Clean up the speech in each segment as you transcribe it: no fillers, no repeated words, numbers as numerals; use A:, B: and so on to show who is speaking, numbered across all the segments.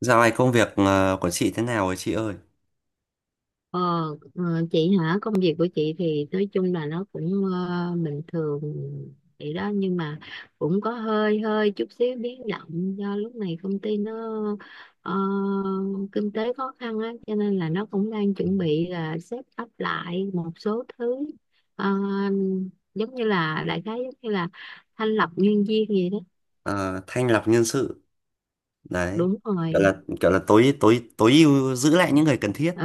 A: Dạo này công việc của chị thế nào rồi chị ơi?
B: Ờ, ờ, chị hả, công việc của chị thì nói chung là nó cũng bình thường vậy đó, nhưng mà cũng có hơi hơi chút xíu biến động do lúc này công ty nó ờ, kinh tế khó khăn á, cho nên là nó cũng đang
A: Ừ.
B: chuẩn bị là set up lại một số thứ. Ờ, Giống như là đại khái giống như là thanh lọc nhân viên gì đó.
A: Ờ, thanh lọc nhân sự đấy,
B: Đúng rồi.
A: kiểu là tối tối tối ưu giữ lại những người cần thiết
B: Ừ.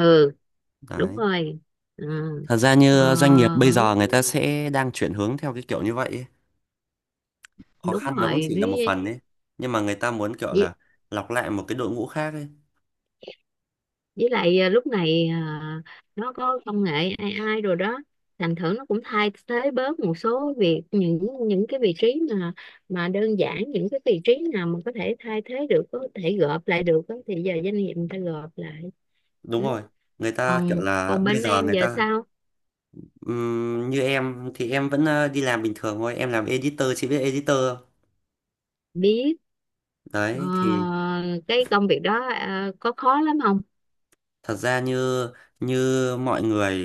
B: Đúng
A: đấy.
B: rồi. Ừ.
A: Thật ra
B: Ờ,
A: như doanh nghiệp bây giờ người ta sẽ đang chuyển hướng theo cái kiểu như vậy ấy. Khó
B: đúng
A: khăn nó cũng
B: rồi,
A: chỉ là một phần đấy, nhưng mà người ta muốn kiểu là lọc lại một cái đội ngũ khác ấy.
B: với lại lúc này nó có công nghệ AI rồi đó, thành thử nó cũng thay thế bớt một số việc, những cái vị trí mà đơn giản, những cái vị trí nào mà có thể thay thế được, có thể gộp lại được á, thì giờ doanh nghiệp người ta gộp lại.
A: Đúng
B: Ừ.
A: rồi, người ta kiểu
B: còn
A: là
B: còn
A: bây
B: bên
A: giờ
B: em
A: người
B: giờ
A: ta
B: sao?
A: như em thì em vẫn đi làm bình thường thôi. Em làm editor, chị biết editor không?
B: Biết. ờ,
A: Đấy thì
B: cái công việc đó có khó lắm không?
A: thật ra như như mọi người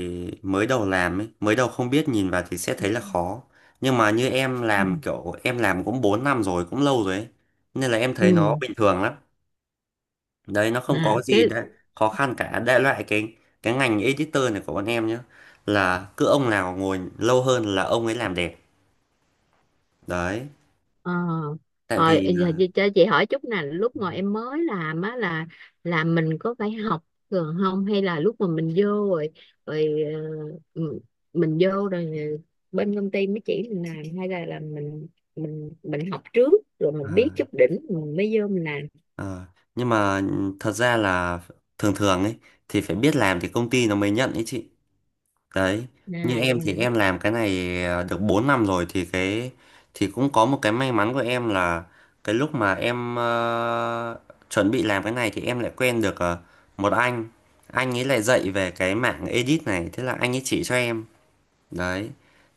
A: mới đầu làm ấy, mới đầu không biết nhìn vào thì sẽ thấy là khó. Nhưng mà như em
B: Ừ.
A: làm, kiểu em làm cũng 4 năm rồi, cũng lâu rồi ấy. Nên là em thấy nó
B: Ừ.
A: bình thường lắm. Đấy, nó
B: Nè
A: không có
B: cái.
A: gì đã khó khăn cả. Đại loại cái ngành editor này của bọn em nhá, là cứ ông nào ngồi lâu hơn là ông ấy làm đẹp. Đấy,
B: Ờ.
A: tại
B: Rồi. Ờ,
A: vì
B: Giờ
A: là
B: cho chị hỏi chút nè, lúc mà em mới làm á là mình có phải học thường không, hay là lúc mà mình vô rồi rồi ờ, m- mình vô rồi ờ, bên công ty mới chỉ mình làm, hay là mình mình học trước rồi mình biết
A: à,
B: chút đỉnh mình mới vô mình làm?
A: à, nhưng mà thật ra là thường thường ấy thì phải biết làm thì công ty nó mới nhận ấy chị. Đấy, như
B: À vậy
A: em thì
B: hả?
A: em làm cái này à, được 4 năm rồi thì cái thì cũng có một cái may mắn của em là cái lúc mà em chuẩn bị làm cái này thì em lại quen được một anh. Anh ấy lại dạy về cái mạng edit này, thế là anh ấy chỉ cho em. Đấy.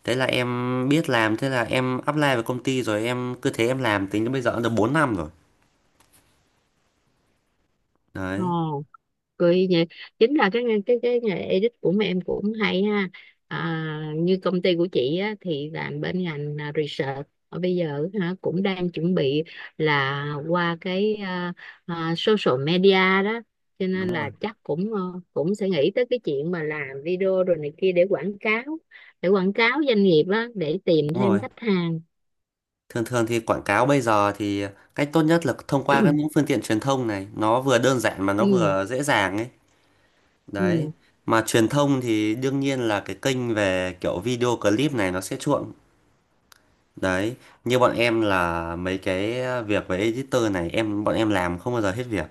A: Thế là em biết làm, thế là em apply vào công ty rồi em cứ thế em làm tính đến bây giờ cũng được 4 năm rồi. Đấy,
B: Ồ, cười nhỉ. Chính là cái nghề edit của mấy em cũng hay ha. Như công ty của chị á, thì làm bên ngành research ở bây giờ hả, cũng đang chuẩn bị là qua cái social media đó, cho nên
A: đúng rồi.
B: là chắc cũng cũng sẽ nghĩ tới cái chuyện mà làm video rồi này kia để quảng cáo, để quảng cáo doanh nghiệp á, để tìm
A: Đúng
B: thêm
A: rồi.
B: khách hàng.
A: Thường thường thì quảng cáo bây giờ thì cách tốt nhất là thông qua các những phương tiện truyền thông này, nó vừa đơn giản mà nó
B: Ừ.
A: vừa dễ dàng ấy. Đấy.
B: Ừ.
A: Mà truyền thông thì đương nhiên là cái kênh về kiểu video clip này nó sẽ chuộng. Đấy, như bọn em là mấy cái việc về editor này bọn em làm không bao giờ hết việc.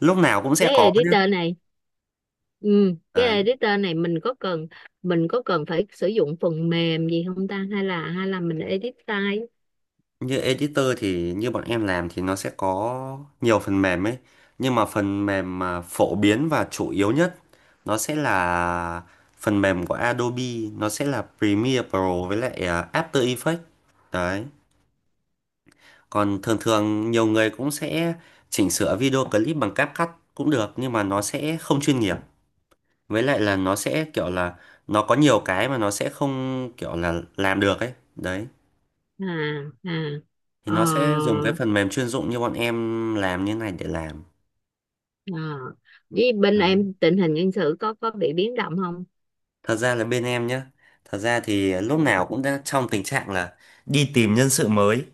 A: Lúc nào cũng
B: Cái
A: sẽ có nhá.
B: editor này. Ừ, cái
A: Đấy.
B: editor này mình có cần, mình có cần phải sử dụng phần mềm gì không ta, hay là mình edit tay?
A: Như editor thì như bọn em làm thì nó sẽ có nhiều phần mềm ấy, nhưng mà phần mềm mà phổ biến và chủ yếu nhất nó sẽ là phần mềm của Adobe. Nó sẽ là Premiere Pro với lại à, After Effects. Đấy, còn thường thường nhiều người cũng sẽ chỉnh sửa video clip bằng CapCut cũng được, nhưng mà nó sẽ không chuyên nghiệp, với lại là nó sẽ kiểu là nó có nhiều cái mà nó sẽ không kiểu là làm được ấy đấy,
B: À. À.
A: thì
B: Ờ.
A: nó sẽ dùng cái phần mềm chuyên dụng như bọn em làm như này để làm.
B: Ờ. Với bên
A: Đấy.
B: em tình hình nhân sự có bị biến động không?
A: Thật ra là bên em nhá, thật ra thì lúc nào cũng đã trong tình trạng là đi tìm nhân sự mới,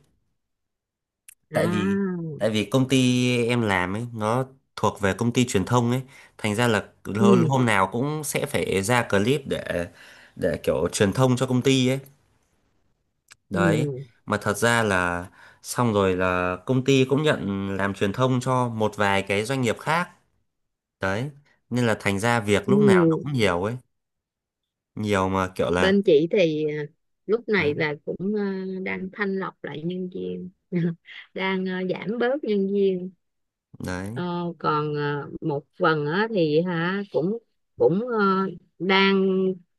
A: tại vì
B: À.
A: tại vì công ty em làm ấy nó thuộc về công ty truyền thông ấy, thành ra là
B: Ừ.
A: hôm nào cũng sẽ phải ra clip để kiểu truyền thông cho công ty ấy. Đấy,
B: Ừ.
A: mà thật ra là xong rồi là công ty cũng nhận làm truyền thông cho một vài cái doanh nghiệp khác. Đấy, nên là thành ra việc lúc nào nó
B: Ừ.
A: cũng nhiều ấy, nhiều mà kiểu là
B: Bên chị thì lúc
A: đấy,
B: này là cũng đang thanh lọc lại nhân viên đang giảm bớt nhân viên.
A: đấy.
B: Ờ, còn một phần á, thì hả cũng cũng ờ, đang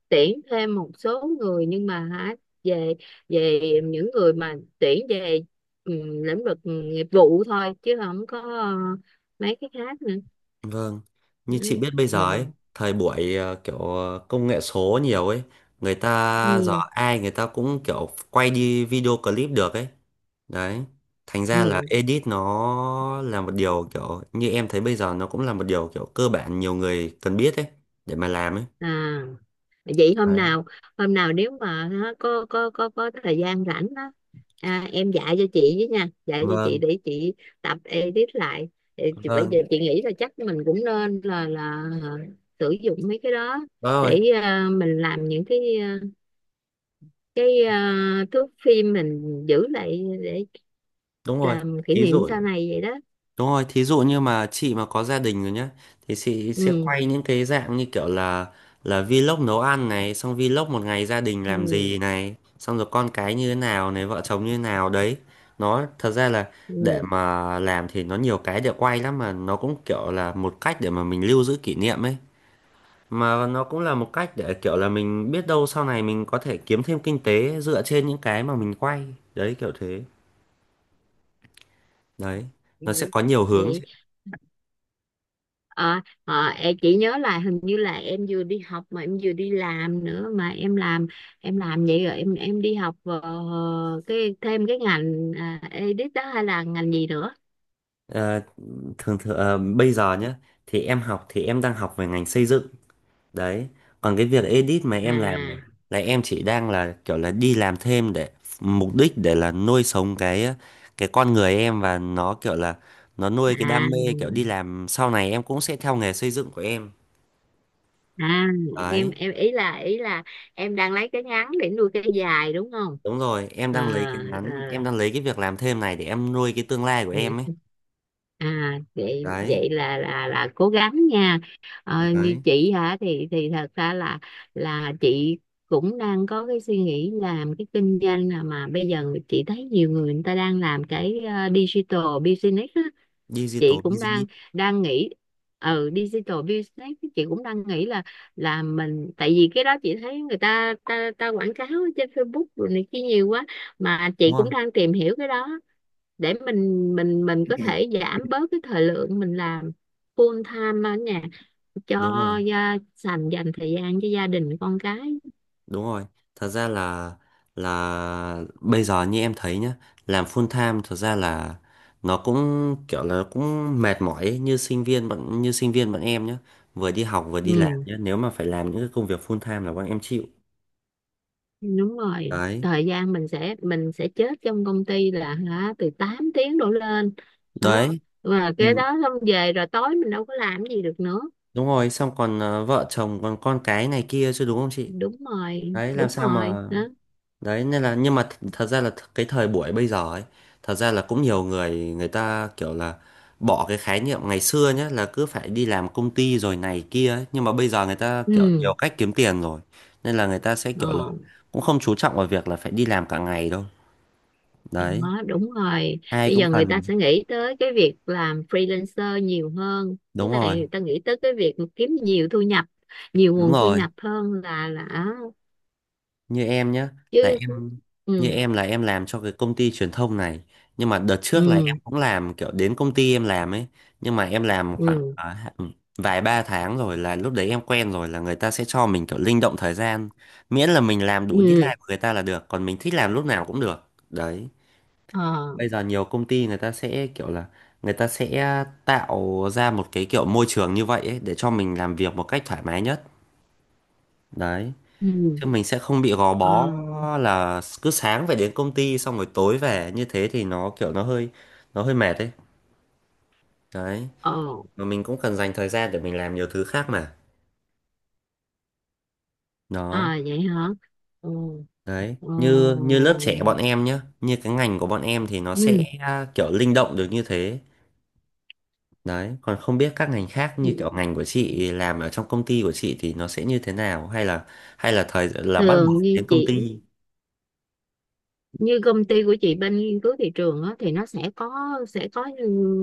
B: tuyển thêm một số người, nhưng mà hả về về những người mà tuyển về ừ, lĩnh vực nghiệp vụ thôi, chứ không có mấy cái khác nữa.
A: Vâng, như chị
B: Ừ.
A: biết bây giờ ấy, thời buổi kiểu công nghệ số nhiều ấy, người ta giờ
B: Ừ.
A: ai người ta cũng kiểu quay đi video clip được ấy. Đấy, thành ra là
B: Ừ.
A: edit nó là một điều kiểu như em thấy bây giờ nó cũng là một điều kiểu cơ bản nhiều người cần biết ấy để mà làm ấy.
B: À. Vậy hôm
A: Đấy.
B: nào, hôm nào nếu mà á, có thời gian rảnh á, em dạy cho chị với nha, dạy cho chị
A: Vâng,
B: để chị tập edit lại. Để bây giờ
A: vâng,
B: chị nghĩ là chắc mình cũng nên sử dụng mấy cái đó
A: vâng rồi,
B: để mình làm những cái thước phim mình giữ lại để
A: đúng rồi.
B: làm kỷ
A: Thí
B: niệm
A: dụ
B: sau này vậy đó.
A: đúng rồi, thí dụ như mà chị mà có gia đình rồi nhá thì chị sẽ
B: Ừ.
A: quay những cái dạng như kiểu là vlog nấu ăn này, xong vlog một ngày gia đình làm
B: Ừ.
A: gì này, xong rồi con cái như thế nào này, vợ chồng như thế nào đấy. Nó thật ra là để
B: Ừ.
A: mà làm thì nó nhiều cái để quay lắm, mà nó cũng kiểu là một cách để mà mình lưu giữ kỷ niệm ấy. Mà nó cũng là một cách để kiểu là mình biết đâu sau này mình có thể kiếm thêm kinh tế dựa trên những cái mà mình quay. Đấy kiểu thế. Đấy, nó sẽ
B: Vậy.
A: có nhiều hướng,
B: Vậy.
A: chị.
B: Ờ, em chỉ nhớ là hình như là em vừa đi học mà em vừa đi làm nữa, mà em làm, em làm vậy rồi em đi học cái thêm cái ngành edit đó hay là ngành gì nữa?
A: Ờ, thường thường bây giờ nhá thì em học thì em đang học về ngành xây dựng. Đấy, còn cái việc edit mà em làm này
B: À.
A: là em chỉ đang là kiểu là đi làm thêm để mục đích để là nuôi sống cái cái con người em, và nó kiểu là nó nuôi cái đam mê, kiểu đi
B: À.
A: làm sau này em cũng sẽ theo nghề xây dựng của em.
B: À. em
A: Đấy,
B: em ý là, ý là em đang lấy cái ngắn để nuôi cái dài đúng không?
A: đúng rồi, em đang lấy
B: À.
A: cái ngắn, em đang lấy cái việc làm thêm này để em nuôi cái tương lai của em ấy.
B: Ừ. À vậy,
A: Đấy
B: vậy là cố gắng nha. Ờ, như
A: đấy,
B: chị hả thì thật ra là chị cũng đang có cái suy nghĩ làm cái kinh doanh, là mà bây giờ chị thấy nhiều người, người ta đang làm cái digital business á. Chị
A: digital
B: cũng đang
A: business,
B: đang nghĩ. Ừ, digital business chị cũng đang nghĩ là mình, tại vì cái đó chị thấy người ta ta, ta quảng cáo ở trên Facebook rồi này kia nhiều quá, mà
A: đúng
B: chị
A: rồi.
B: cũng đang tìm hiểu cái đó để mình có thể giảm bớt cái thời lượng mình làm full time ở nhà
A: Đúng
B: cho
A: rồi.
B: dành dành thời gian cho gia đình con cái.
A: Đúng rồi, thật ra là bây giờ như em thấy nhá, làm full time thật ra là nó cũng kiểu là cũng mệt mỏi ấy, như sinh viên bọn em nhá, vừa đi học vừa đi làm
B: Ừ.
A: nhá, nếu mà phải làm những cái công việc full time là bọn em chịu.
B: Đúng rồi,
A: Đấy,
B: thời gian mình sẽ, mình sẽ chết trong công ty là hả từ 8 tiếng đổ lên đó,
A: đấy,
B: và cái
A: mình
B: đó xong về rồi tối mình đâu có làm gì được nữa.
A: đúng rồi, xong còn vợ chồng còn con cái này kia chứ đúng không chị?
B: Đúng rồi,
A: Đấy, làm
B: đúng
A: sao
B: rồi
A: mà
B: đó.
A: đấy, nên là nhưng mà thật ra là cái thời buổi bây giờ ấy, thật ra là cũng nhiều người, người ta kiểu là bỏ cái khái niệm ngày xưa nhé là cứ phải đi làm công ty rồi này kia ấy. Nhưng mà bây giờ người ta kiểu
B: Ừ.
A: nhiều cách kiếm tiền rồi, nên là người ta sẽ
B: Ờ.
A: kiểu là cũng không chú trọng vào việc là phải đi làm cả ngày đâu. Đấy,
B: Đó, đúng rồi.
A: ai
B: Bây
A: cũng
B: giờ người ta
A: cần.
B: sẽ nghĩ tới cái việc làm freelancer nhiều hơn. Với
A: Đúng rồi,
B: lại người ta nghĩ tới cái việc mà kiếm nhiều thu nhập, nhiều
A: đúng
B: nguồn thu
A: rồi,
B: nhập hơn là
A: như em nhé, là
B: chứ.
A: em như
B: Ừ.
A: em là em làm cho cái công ty truyền thông này, nhưng mà đợt trước là em
B: Ừ.
A: cũng làm kiểu đến công ty em làm ấy, nhưng mà em làm khoảng
B: Ừ.
A: vài ba tháng rồi là lúc đấy em quen rồi là người ta sẽ cho mình kiểu linh động thời gian, miễn là mình làm đủ
B: Ừ.
A: deadline của người ta là được, còn mình thích làm lúc nào cũng được. Đấy,
B: Ờ.
A: bây giờ nhiều công ty người ta sẽ kiểu là người ta sẽ tạo ra một cái kiểu môi trường như vậy ấy để cho mình làm việc một cách thoải mái nhất. Đấy,
B: Ừ.
A: chứ mình sẽ không bị gò
B: Ờ.
A: bó là cứ sáng phải đến công ty xong rồi tối về, như thế thì nó kiểu nó hơi mệt đấy. Đấy,
B: Ờ.
A: mà mình cũng cần dành thời gian để mình làm nhiều thứ khác mà. Đó
B: À vậy hả? Ừ.
A: đấy,
B: Ờ.
A: như như lớp trẻ bọn em nhá, như cái ngành của bọn em thì nó sẽ
B: Ừ.
A: kiểu linh động được như thế. Đấy, còn không biết các ngành khác như kiểu
B: Ừ.
A: ngành của chị làm ở trong công ty của chị thì nó sẽ như thế nào, hay là thời là bắt buộc
B: Thường
A: phải
B: như
A: đến công
B: chị,
A: ty.
B: như công ty của chị bên nghiên cứu thị trường á, thì nó sẽ có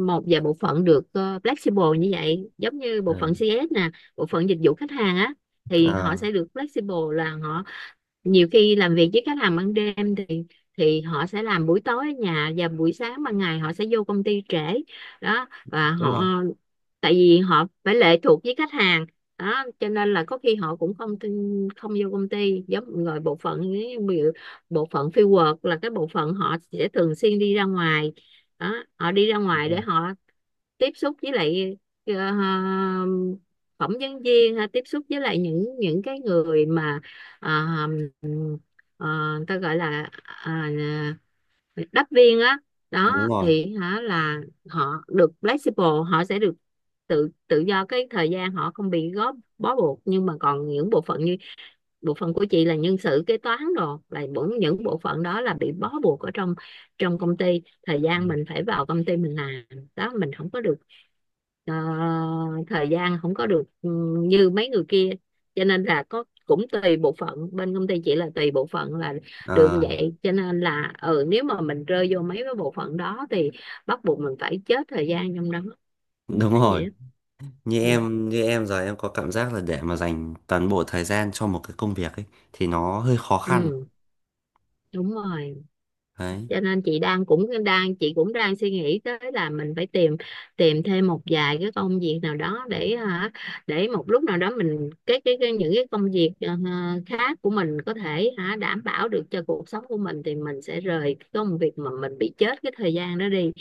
B: một vài bộ phận được flexible như vậy, giống như bộ phận
A: Ừ.
B: CS nè, bộ phận dịch vụ khách hàng á, thì họ
A: À,
B: sẽ được flexible là họ nhiều khi làm việc với khách hàng ban đêm thì họ sẽ làm buổi tối ở nhà, và buổi sáng ban ngày họ sẽ vô công ty trễ đó. Và
A: đúng
B: họ,
A: rồi,
B: tại vì họ phải lệ thuộc với khách hàng đó, cho nên là có khi họ cũng không vô công ty. Giống rồi bộ phận ấy, ví dụ bộ phận fieldwork là cái bộ phận họ sẽ thường xuyên đi ra ngoài đó, họ đi ra
A: đúng
B: ngoài để
A: rồi.
B: họ tiếp xúc với lại ờ, phỏng vấn viên ha, tiếp xúc với lại những cái người mà ờ, ờ, ta gọi là đắp viên á.
A: Đúng
B: Đó
A: rồi.
B: thì hả là họ được flexible, họ sẽ được tự tự do cái thời gian, họ không bị góp bó buộc. Nhưng mà còn những bộ phận như bộ phận của chị là nhân sự kế toán đồ, là những bộ phận đó là bị bó buộc ở trong trong công ty, thời gian mình phải vào công ty mình làm đó, mình không có được ờ, thời gian, không có được như mấy người kia, cho nên là có cũng tùy bộ phận. Bên công ty chỉ là tùy bộ phận là được như
A: Ờ,
B: vậy, cho nên là ừ, nếu mà mình rơi vô mấy cái bộ phận đó thì bắt buộc mình phải chết thời gian trong đó nó
A: đúng
B: vậy
A: rồi,
B: á.
A: như
B: Ừ.
A: em như em giờ em có cảm giác là để mà dành toàn bộ thời gian cho một cái công việc ấy thì nó hơi khó khăn.
B: Ừ. Đúng rồi,
A: Đấy,
B: cho nên chị đang, cũng đang chị cũng đang suy nghĩ tới là mình phải tìm, thêm một vài cái công việc nào đó để hả, để một lúc nào đó mình cái những cái công việc khác của mình có thể hả đảm bảo được cho cuộc sống của mình, thì mình sẽ rời cái công việc mà mình bị chết cái thời gian đó đi,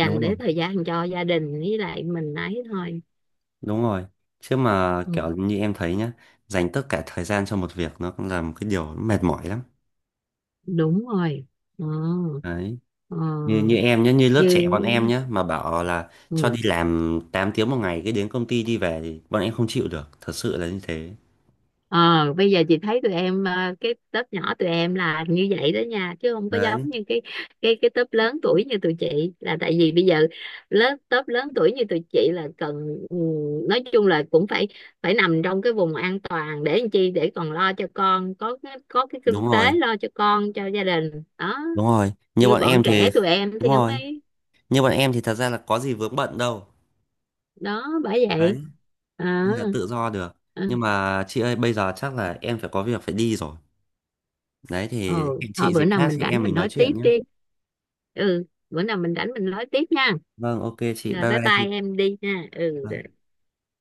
A: đúng rồi,
B: để thời gian cho gia đình với lại mình ấy thôi.
A: đúng rồi, chứ mà
B: Ừ,
A: kiểu như em thấy nhá, dành tất cả thời gian cho một việc nó cũng là một cái điều mệt mỏi lắm.
B: đúng rồi. Ừ.
A: Đấy, như như
B: Ừ.
A: em nhá, như lớp trẻ bọn em
B: Như.
A: nhá, mà bảo là cho
B: Ừ.
A: đi làm 8 tiếng một ngày, cái đến công ty đi về thì bọn em không chịu được, thật sự là như thế.
B: Ờ, bây giờ chị thấy tụi em cái tớp nhỏ tụi em là như vậy đó nha, chứ không có
A: Đấy,
B: giống như cái tớp lớn tuổi như tụi chị. Là tại vì bây giờ tớp lớn tuổi như tụi chị là cần nói chung là cũng phải phải nằm trong cái vùng an toàn để làm chi, để còn lo cho con, có cái, có cái kinh
A: đúng
B: tế
A: rồi,
B: lo cho con, cho gia đình đó.
A: đúng rồi, như
B: Như
A: bọn
B: bọn
A: em thì
B: trẻ tụi em
A: đúng
B: thì không
A: rồi,
B: ấy,
A: như bọn em thì thật ra là có gì vướng bận đâu.
B: đó bởi vậy.
A: Đấy,
B: Ờ.
A: nên là tự do được.
B: Ờ.
A: Nhưng mà chị ơi bây giờ chắc là em phải có việc phải đi rồi. Đấy thì
B: Ừ
A: hẹn
B: thôi,
A: chị
B: bữa
A: dịp
B: nào
A: khác
B: mình
A: thì
B: rảnh
A: em
B: mình
A: mình nói
B: nói tiếp
A: chuyện nhé.
B: đi. Ừ, bữa nào mình rảnh mình nói tiếp nha.
A: Vâng, ok chị,
B: Rồi,
A: bye
B: bye
A: bye
B: bye
A: chị.
B: em đi nha. Ừ.
A: Vâng.